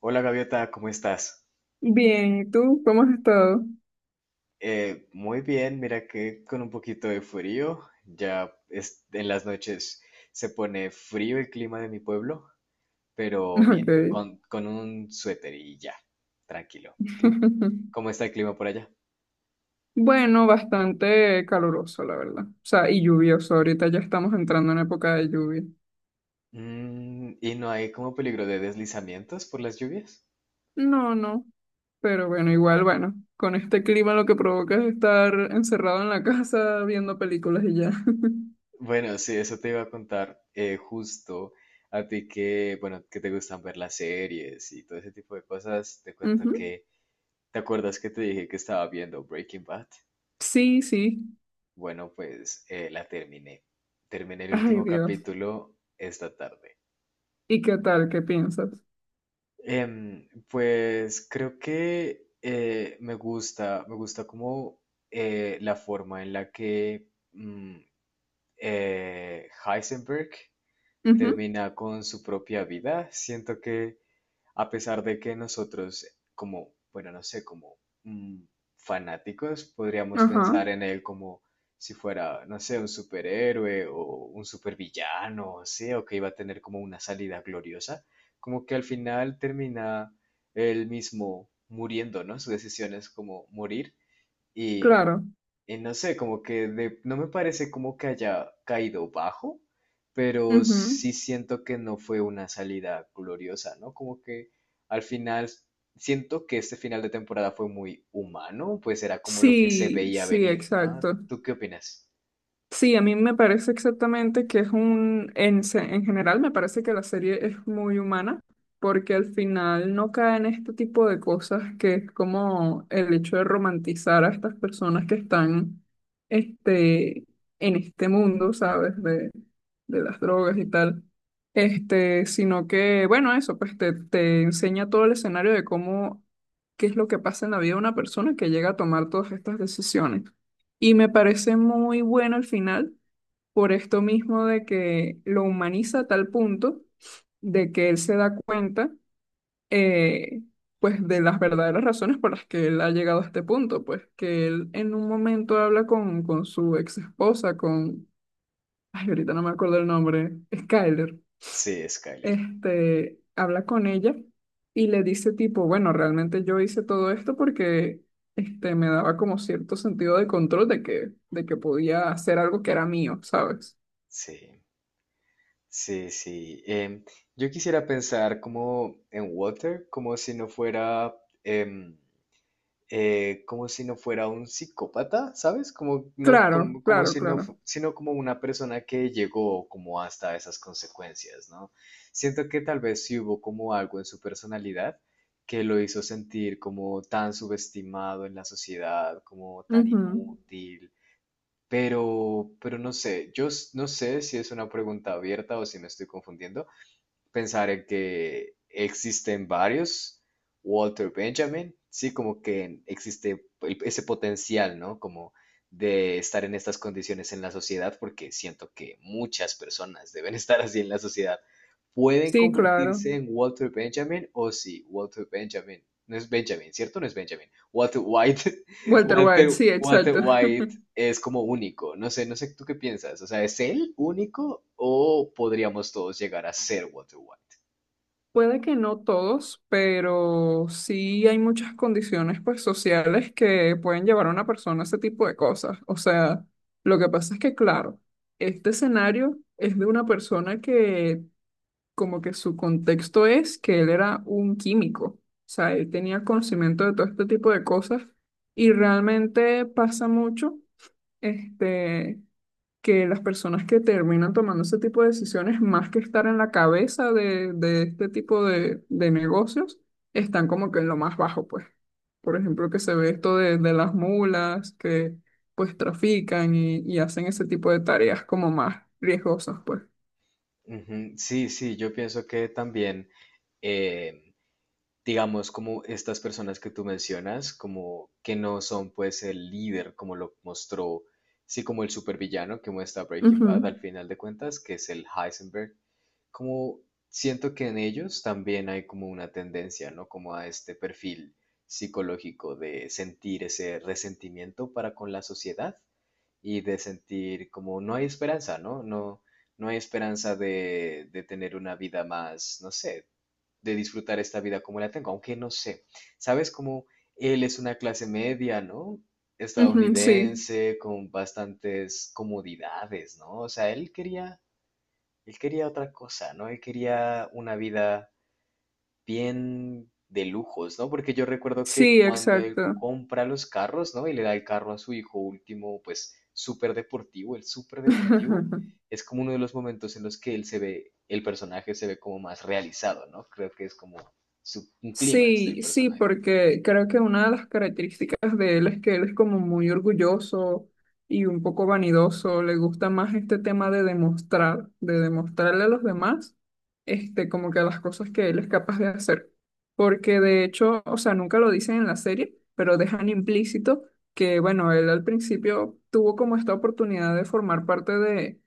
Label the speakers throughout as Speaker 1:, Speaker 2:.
Speaker 1: Hola Gaviota, ¿cómo estás?
Speaker 2: Bien, ¿y tú? ¿Cómo has estado?
Speaker 1: Muy bien, mira que con un poquito de frío, en las noches se pone frío el clima de mi pueblo, pero
Speaker 2: Ok.
Speaker 1: bien, con un suéter y ya, tranquilo. ¿Tú? ¿Cómo está el clima por allá?
Speaker 2: Bueno, bastante caluroso, la verdad. O sea, y lluvioso. Ahorita ya estamos entrando en época de lluvia.
Speaker 1: Mm, ¿y no hay como peligro de deslizamientos por las lluvias?
Speaker 2: No, no. Pero bueno, igual, bueno. Con este clima lo que provoca es estar encerrado en la casa viendo películas y ya.
Speaker 1: Bueno, sí, eso te iba a contar justo a ti que, bueno, que te gustan ver las series y todo ese tipo de cosas, te cuento
Speaker 2: Ujú.
Speaker 1: que. ¿Te acuerdas que te dije que estaba viendo Breaking Bad?
Speaker 2: Sí, sí.
Speaker 1: Bueno, pues la terminé. Terminé el
Speaker 2: Ay,
Speaker 1: último
Speaker 2: Dios.
Speaker 1: capítulo esta tarde.
Speaker 2: ¿Y qué tal? ¿Qué piensas?
Speaker 1: Pues creo que me gusta como la forma en la que mm, Heisenberg
Speaker 2: Ujú.
Speaker 1: termina con su propia vida. Siento que a pesar de que nosotros, como, bueno, no sé, como mm, fanáticos, podríamos
Speaker 2: Ajá.
Speaker 1: pensar en él como si fuera, no sé, un superhéroe o un supervillano, sí, o que iba a tener como una salida gloriosa, como que al final termina él mismo muriendo, ¿no? Su decisión es como morir y
Speaker 2: Claro.
Speaker 1: no sé, como que no me parece como que haya caído bajo, pero
Speaker 2: Ujú.
Speaker 1: sí siento que no fue una salida gloriosa, ¿no? Como que al final siento que este final de temporada fue muy humano, pues era como lo que se
Speaker 2: Sí,
Speaker 1: veía
Speaker 2: sí,
Speaker 1: venir, ¿no?
Speaker 2: exacto.
Speaker 1: ¿Tú qué opinas?
Speaker 2: Sí, a mí me parece exactamente que es un, en, en general me parece que la serie es muy humana, porque al final no cae en este tipo de cosas que es como el hecho de romantizar a estas personas que están este, en este mundo, ¿sabes? De, las drogas y tal. Este, sino que, bueno, eso, pues te enseña todo el escenario de cómo, qué es lo que pasa en la vida de una persona que llega a tomar todas estas decisiones. Y me parece muy bueno el final, por esto mismo de que lo humaniza a tal punto de que él se da cuenta, eh, pues, de las verdaderas razones por las que él ha llegado a este punto, pues, que él en un momento habla con su ex esposa, con, ay, ahorita no me acuerdo el nombre, Skyler.
Speaker 1: Sí, Skyler.
Speaker 2: Este, habla con ella y le dice tipo, bueno, realmente yo hice todo esto porque este, me daba como cierto sentido de control de que podía hacer algo que era mío, ¿sabes?
Speaker 1: Sí, sí, sí. Yo quisiera pensar como en Water, como si no fuera... em, como si no fuera un psicópata, ¿sabes? Como, no,
Speaker 2: Claro,
Speaker 1: como, como
Speaker 2: claro,
Speaker 1: si no,
Speaker 2: claro.
Speaker 1: sino como una persona que llegó como hasta esas consecuencias, ¿no? Siento que tal vez sí hubo como algo en su personalidad que lo hizo sentir como tan subestimado en la sociedad, como tan
Speaker 2: Ujú.
Speaker 1: inútil, pero no sé, no sé si es una pregunta abierta o si me estoy confundiendo, pensar en que existen varios Walter Benjamin, sí, como que existe ese potencial, ¿no? Como de estar en estas condiciones en la sociedad, porque siento que muchas personas deben estar así en la sociedad. ¿Pueden
Speaker 2: Sí, claro.
Speaker 1: convertirse en Walter Benjamin? O sí, Walter Benjamin. No es Benjamin, ¿cierto? No es Benjamin. Walter White.
Speaker 2: Walter White, sí,
Speaker 1: Walter
Speaker 2: exacto.
Speaker 1: White es como único. No sé tú qué piensas. O sea, ¿es él único o podríamos todos llegar a ser Walter White?
Speaker 2: Puede que no todos, pero sí hay muchas condiciones pues sociales que pueden llevar a una persona a ese tipo de cosas. O sea, lo que pasa es que, claro, este escenario es de una persona que como que su contexto es que él era un químico. O sea, él tenía conocimiento de todo este tipo de cosas y realmente pasa mucho, este, que las personas que terminan tomando ese tipo de decisiones, más que estar en la cabeza de, este tipo de negocios, están como que en lo más bajo, pues. Por ejemplo, que se ve esto de, las mulas que pues trafican y hacen ese tipo de tareas como más riesgosas, pues.
Speaker 1: Ujú, sí, sí, yo pienso que también, eh, digamos, como estas personas que tú mencionas, como que no son pues el líder, como lo mostró, sí, como el supervillano que muestra Breaking
Speaker 2: Ujú,
Speaker 1: Bad al final de cuentas, que es el Heisenberg, como siento que en ellos también hay como una tendencia, ¿no? Como a este perfil psicológico de sentir ese resentimiento para con la sociedad y de sentir como no hay esperanza, ¿no? No, no hay esperanza de tener una vida más, no sé, de disfrutar esta vida como la tengo, aunque no sé, ¿sabes? Como él es una clase media, ¿no?
Speaker 2: ujú, sí,
Speaker 1: Estadounidense, con bastantes comodidades, ¿no? O sea, él quería otra cosa, ¿no? Él quería una vida bien de lujos, ¿no? Porque yo recuerdo que
Speaker 2: sí,
Speaker 1: cuando él
Speaker 2: exacto.
Speaker 1: compra los carros, ¿no? Y le da el carro a su hijo último, pues el súper deportivo, es como uno de los momentos en los que él se ve, el personaje se ve como más realizado, ¿no? Creo que es como un clímax del
Speaker 2: Sí, sí,
Speaker 1: personaje.
Speaker 2: porque creo que una de las características de él es que él es como muy orgulloso y un poco vanidoso, le gusta más este tema de demostrar, de demostrarle a los demás, este, como que las cosas que él es capaz de hacer. Porque de hecho, o sea, nunca lo dicen en la serie, pero dejan implícito que, bueno, él al principio tuvo como esta oportunidad de formar parte de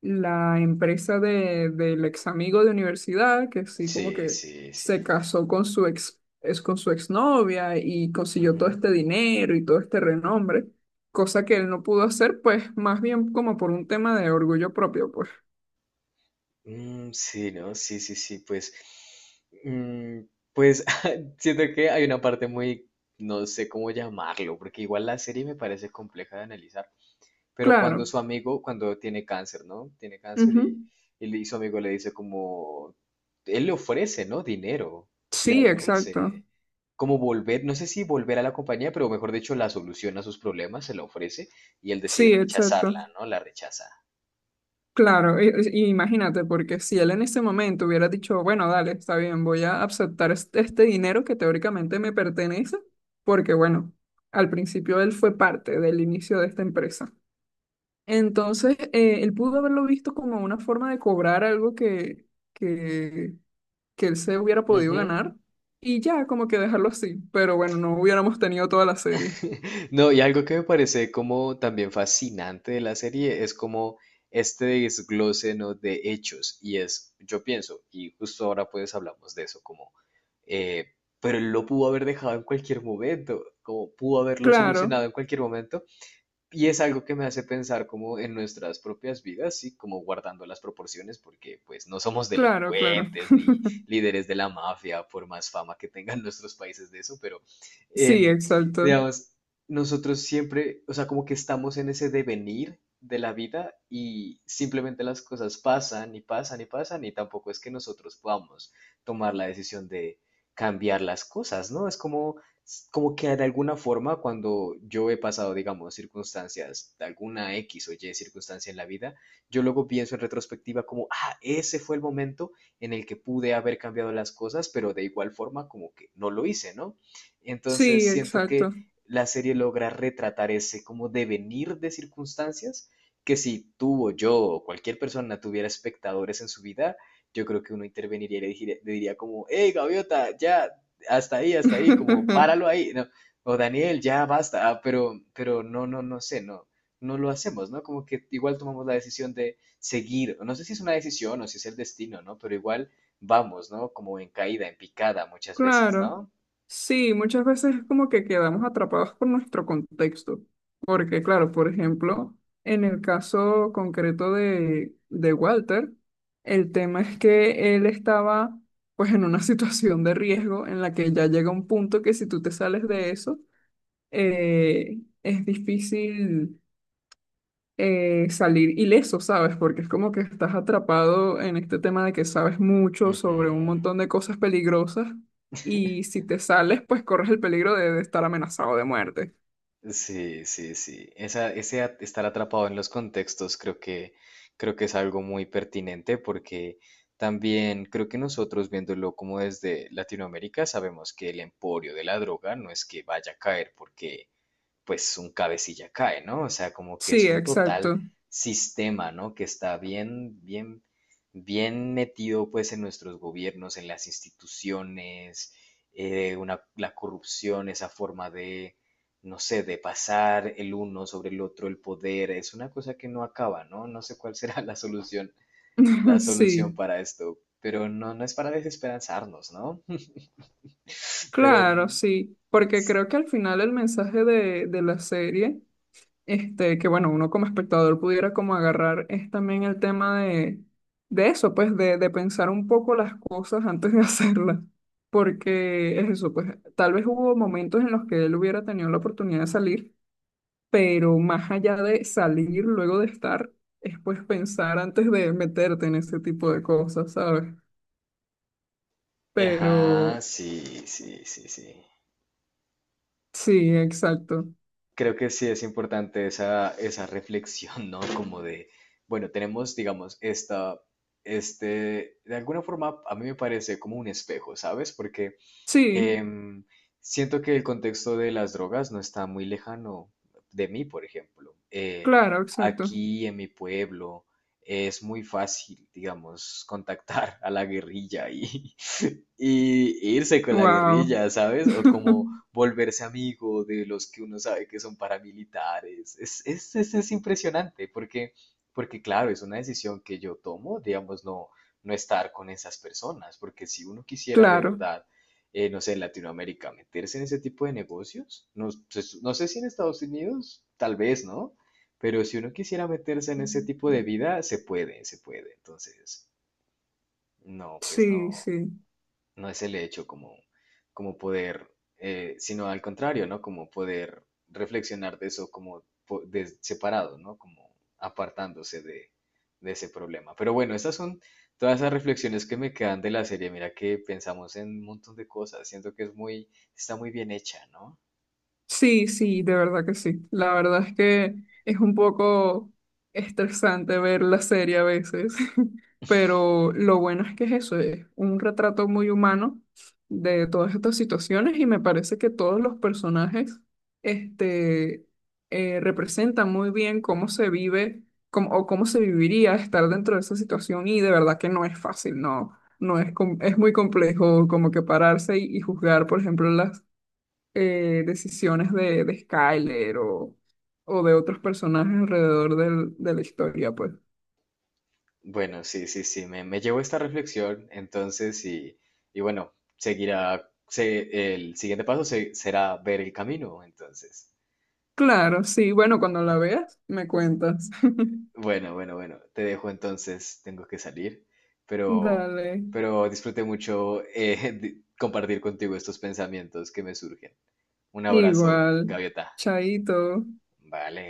Speaker 2: la empresa de, del ex amigo de universidad, que sí, como
Speaker 1: Sí,
Speaker 2: que
Speaker 1: sí, sí.
Speaker 2: se casó con su ex, es con su exnovia y consiguió todo este dinero y todo este renombre, cosa que él no pudo hacer, pues más bien como por un tema de orgullo propio, pues.
Speaker 1: Mm, sí, ¿no? Sí, sí, sí, pues, mm, pues siento que hay una parte muy, no sé cómo llamarlo, porque igual la serie me parece compleja de analizar, pero cuando
Speaker 2: Claro.
Speaker 1: su amigo, cuando tiene cáncer, ¿no? Tiene cáncer
Speaker 2: Ujú.
Speaker 1: y y su amigo le dice como, él le ofrece, ¿no? Dinero, le
Speaker 2: Sí, exacto.
Speaker 1: ofrece como volver, no sé si volver a la compañía, pero mejor dicho, la solución a sus problemas se la ofrece y él decide
Speaker 2: Sí, exacto.
Speaker 1: rechazarla, ¿no? La rechaza.
Speaker 2: Claro, y imagínate, porque si él en ese momento hubiera dicho, bueno, dale, está bien, voy a aceptar este, este dinero que teóricamente me pertenece, porque bueno, al principio él fue parte del inicio de esta empresa. Entonces, él pudo haberlo visto como una forma de cobrar algo que, que, que él se hubiera podido
Speaker 1: Ujú.
Speaker 2: ganar y ya, como que dejarlo así. Pero bueno, no hubiéramos tenido toda la serie.
Speaker 1: No, y algo que me parece como también fascinante de la serie es como este desglose, ¿no? De hechos. Y es, yo pienso, y justo ahora pues hablamos de eso, como, eh, pero él lo pudo haber dejado en cualquier momento, como pudo haberlo
Speaker 2: Claro,
Speaker 1: solucionado en cualquier momento, y es algo que me hace pensar como en nuestras propias vidas, sí, como guardando las proporciones, porque pues no somos
Speaker 2: claro, claro.
Speaker 1: delincuentes ni líderes de la mafia, por más fama que tengan nuestros países de eso, pero
Speaker 2: Sí,
Speaker 1: em,
Speaker 2: exacto.
Speaker 1: digamos, nosotros siempre, o sea, como que estamos en ese devenir de la vida y simplemente las cosas pasan y pasan y pasan y tampoco es que nosotros podamos tomar la decisión de cambiar las cosas, ¿no? Es como como que de alguna forma cuando yo he pasado, digamos, circunstancias, de alguna X o Y circunstancia en la vida, yo luego pienso en retrospectiva como, ah, ese fue el momento en el que pude haber cambiado las cosas, pero de igual forma como que no lo hice, ¿no?
Speaker 2: Sí,
Speaker 1: Entonces siento que
Speaker 2: exacto.
Speaker 1: la serie logra retratar ese como devenir de circunstancias que si tú o yo o cualquier persona tuviera espectadores en su vida, yo creo que uno interveniría y le diría, como, hey, gaviota, ya, hasta ahí, como páralo ahí, ¿no? O Daniel, ya basta, ah, pero no, no sé, no, no lo hacemos, ¿no? Como que igual tomamos la decisión de seguir, no sé si es una decisión o si es el destino, ¿no? Pero igual vamos, ¿no? Como en caída, en picada muchas veces,
Speaker 2: Claro,
Speaker 1: ¿no?
Speaker 2: sí, muchas veces es como que quedamos atrapados por nuestro contexto, porque claro, por ejemplo, en el caso concreto de, Walter, el tema es que él estaba pues en una situación de riesgo en la que ya llega un punto que si tú te sales de eso, es difícil salir ileso, ¿sabes? Porque es como que estás atrapado en este tema de que sabes mucho
Speaker 1: Ujú.
Speaker 2: sobre un montón de cosas peligrosas y si te sales, pues corres el peligro de, estar amenazado de muerte.
Speaker 1: Sí, sí, sí. Esa, estar atrapado en los contextos creo que es algo muy pertinente porque también creo que nosotros viéndolo como desde Latinoamérica sabemos que el emporio de la droga no es que vaya a caer porque pues un cabecilla cae, ¿no? O sea, como que
Speaker 2: Sí,
Speaker 1: es un total
Speaker 2: exacto.
Speaker 1: sistema, ¿no? Que está bien, bien metido pues en nuestros gobiernos, en las instituciones, la corrupción, esa forma de, no sé, de pasar el uno sobre el otro, el poder, es una cosa que no acaba, ¿no? No sé cuál será la solución
Speaker 2: Sí,
Speaker 1: para esto, pero no, no es para desesperanzarnos, ¿no? Pero,
Speaker 2: claro, sí. Porque creo que al final el mensaje de, la serie. Este, que bueno, uno como espectador pudiera como agarrar es también el tema de eso, pues de, pensar un poco las cosas antes de hacerlas, porque es eso, pues tal vez hubo momentos en los que él hubiera tenido la oportunidad de salir, pero más allá de salir luego de estar, es pues pensar antes de meterte en ese tipo de cosas, ¿sabes? Pero
Speaker 1: ajá, sí, sí, sí, sí.
Speaker 2: sí, exacto.
Speaker 1: Creo que sí es importante esa, esa reflexión, ¿no? Como de, bueno, tenemos, digamos, esta, este, de alguna forma a mí me parece como un espejo, ¿sabes? Porque
Speaker 2: Sí,
Speaker 1: em, siento que el contexto de las drogas no está muy lejano de mí, por ejemplo.
Speaker 2: claro, exacto.
Speaker 1: Aquí en mi pueblo es muy fácil, digamos, contactar a la guerrilla y irse con la
Speaker 2: Wow.
Speaker 1: guerrilla, ¿sabes? O como volverse amigo de los que uno sabe que son paramilitares. Es impresionante porque, porque, claro, es una decisión que yo tomo, digamos, no, no estar con esas personas, porque si uno quisiera de
Speaker 2: Claro.
Speaker 1: verdad, no sé, en Latinoamérica meterse en ese tipo de negocios, no, pues, no sé si en Estados Unidos, tal vez, ¿no? Pero si uno quisiera meterse en ese tipo de vida, se puede, se puede. Entonces, no, pues
Speaker 2: Sí, sí.
Speaker 1: no es el hecho como, como poder, sino al contrario, ¿no? Como poder reflexionar de eso como separado, ¿no? Como apartándose de ese problema. Pero bueno, estas son todas esas reflexiones que me quedan de la serie. Mira que pensamos en un montón de cosas. Siento que es muy, está muy bien hecha, ¿no?
Speaker 2: Sí, sí, de verdad que sí. La verdad es que es un poco estresante ver la serie a veces, pero lo bueno es que es eso, es un retrato muy humano de todas estas situaciones y me parece que todos los personajes este, representan muy bien cómo se vive o cómo se viviría estar dentro de esa situación y de verdad que no es fácil, no, no es, com- es muy complejo como que pararse y juzgar, por ejemplo, las decisiones de, Skyler o de otros personajes alrededor de la historia, pues.
Speaker 1: Bueno, sí, sí, sí, me llevo esta reflexión, entonces, y bueno, seguirá, el siguiente paso será ver el camino, entonces.
Speaker 2: Claro, sí, bueno, cuando la veas, me cuentas.
Speaker 1: Bueno, bueno, bueno, te dejo entonces, tengo que salir, pero,
Speaker 2: Dale,
Speaker 1: pero disfruté mucho compartir contigo estos pensamientos que me surgen. Un abrazo,
Speaker 2: igual,
Speaker 1: Gaviota.
Speaker 2: chaito.
Speaker 1: Vale.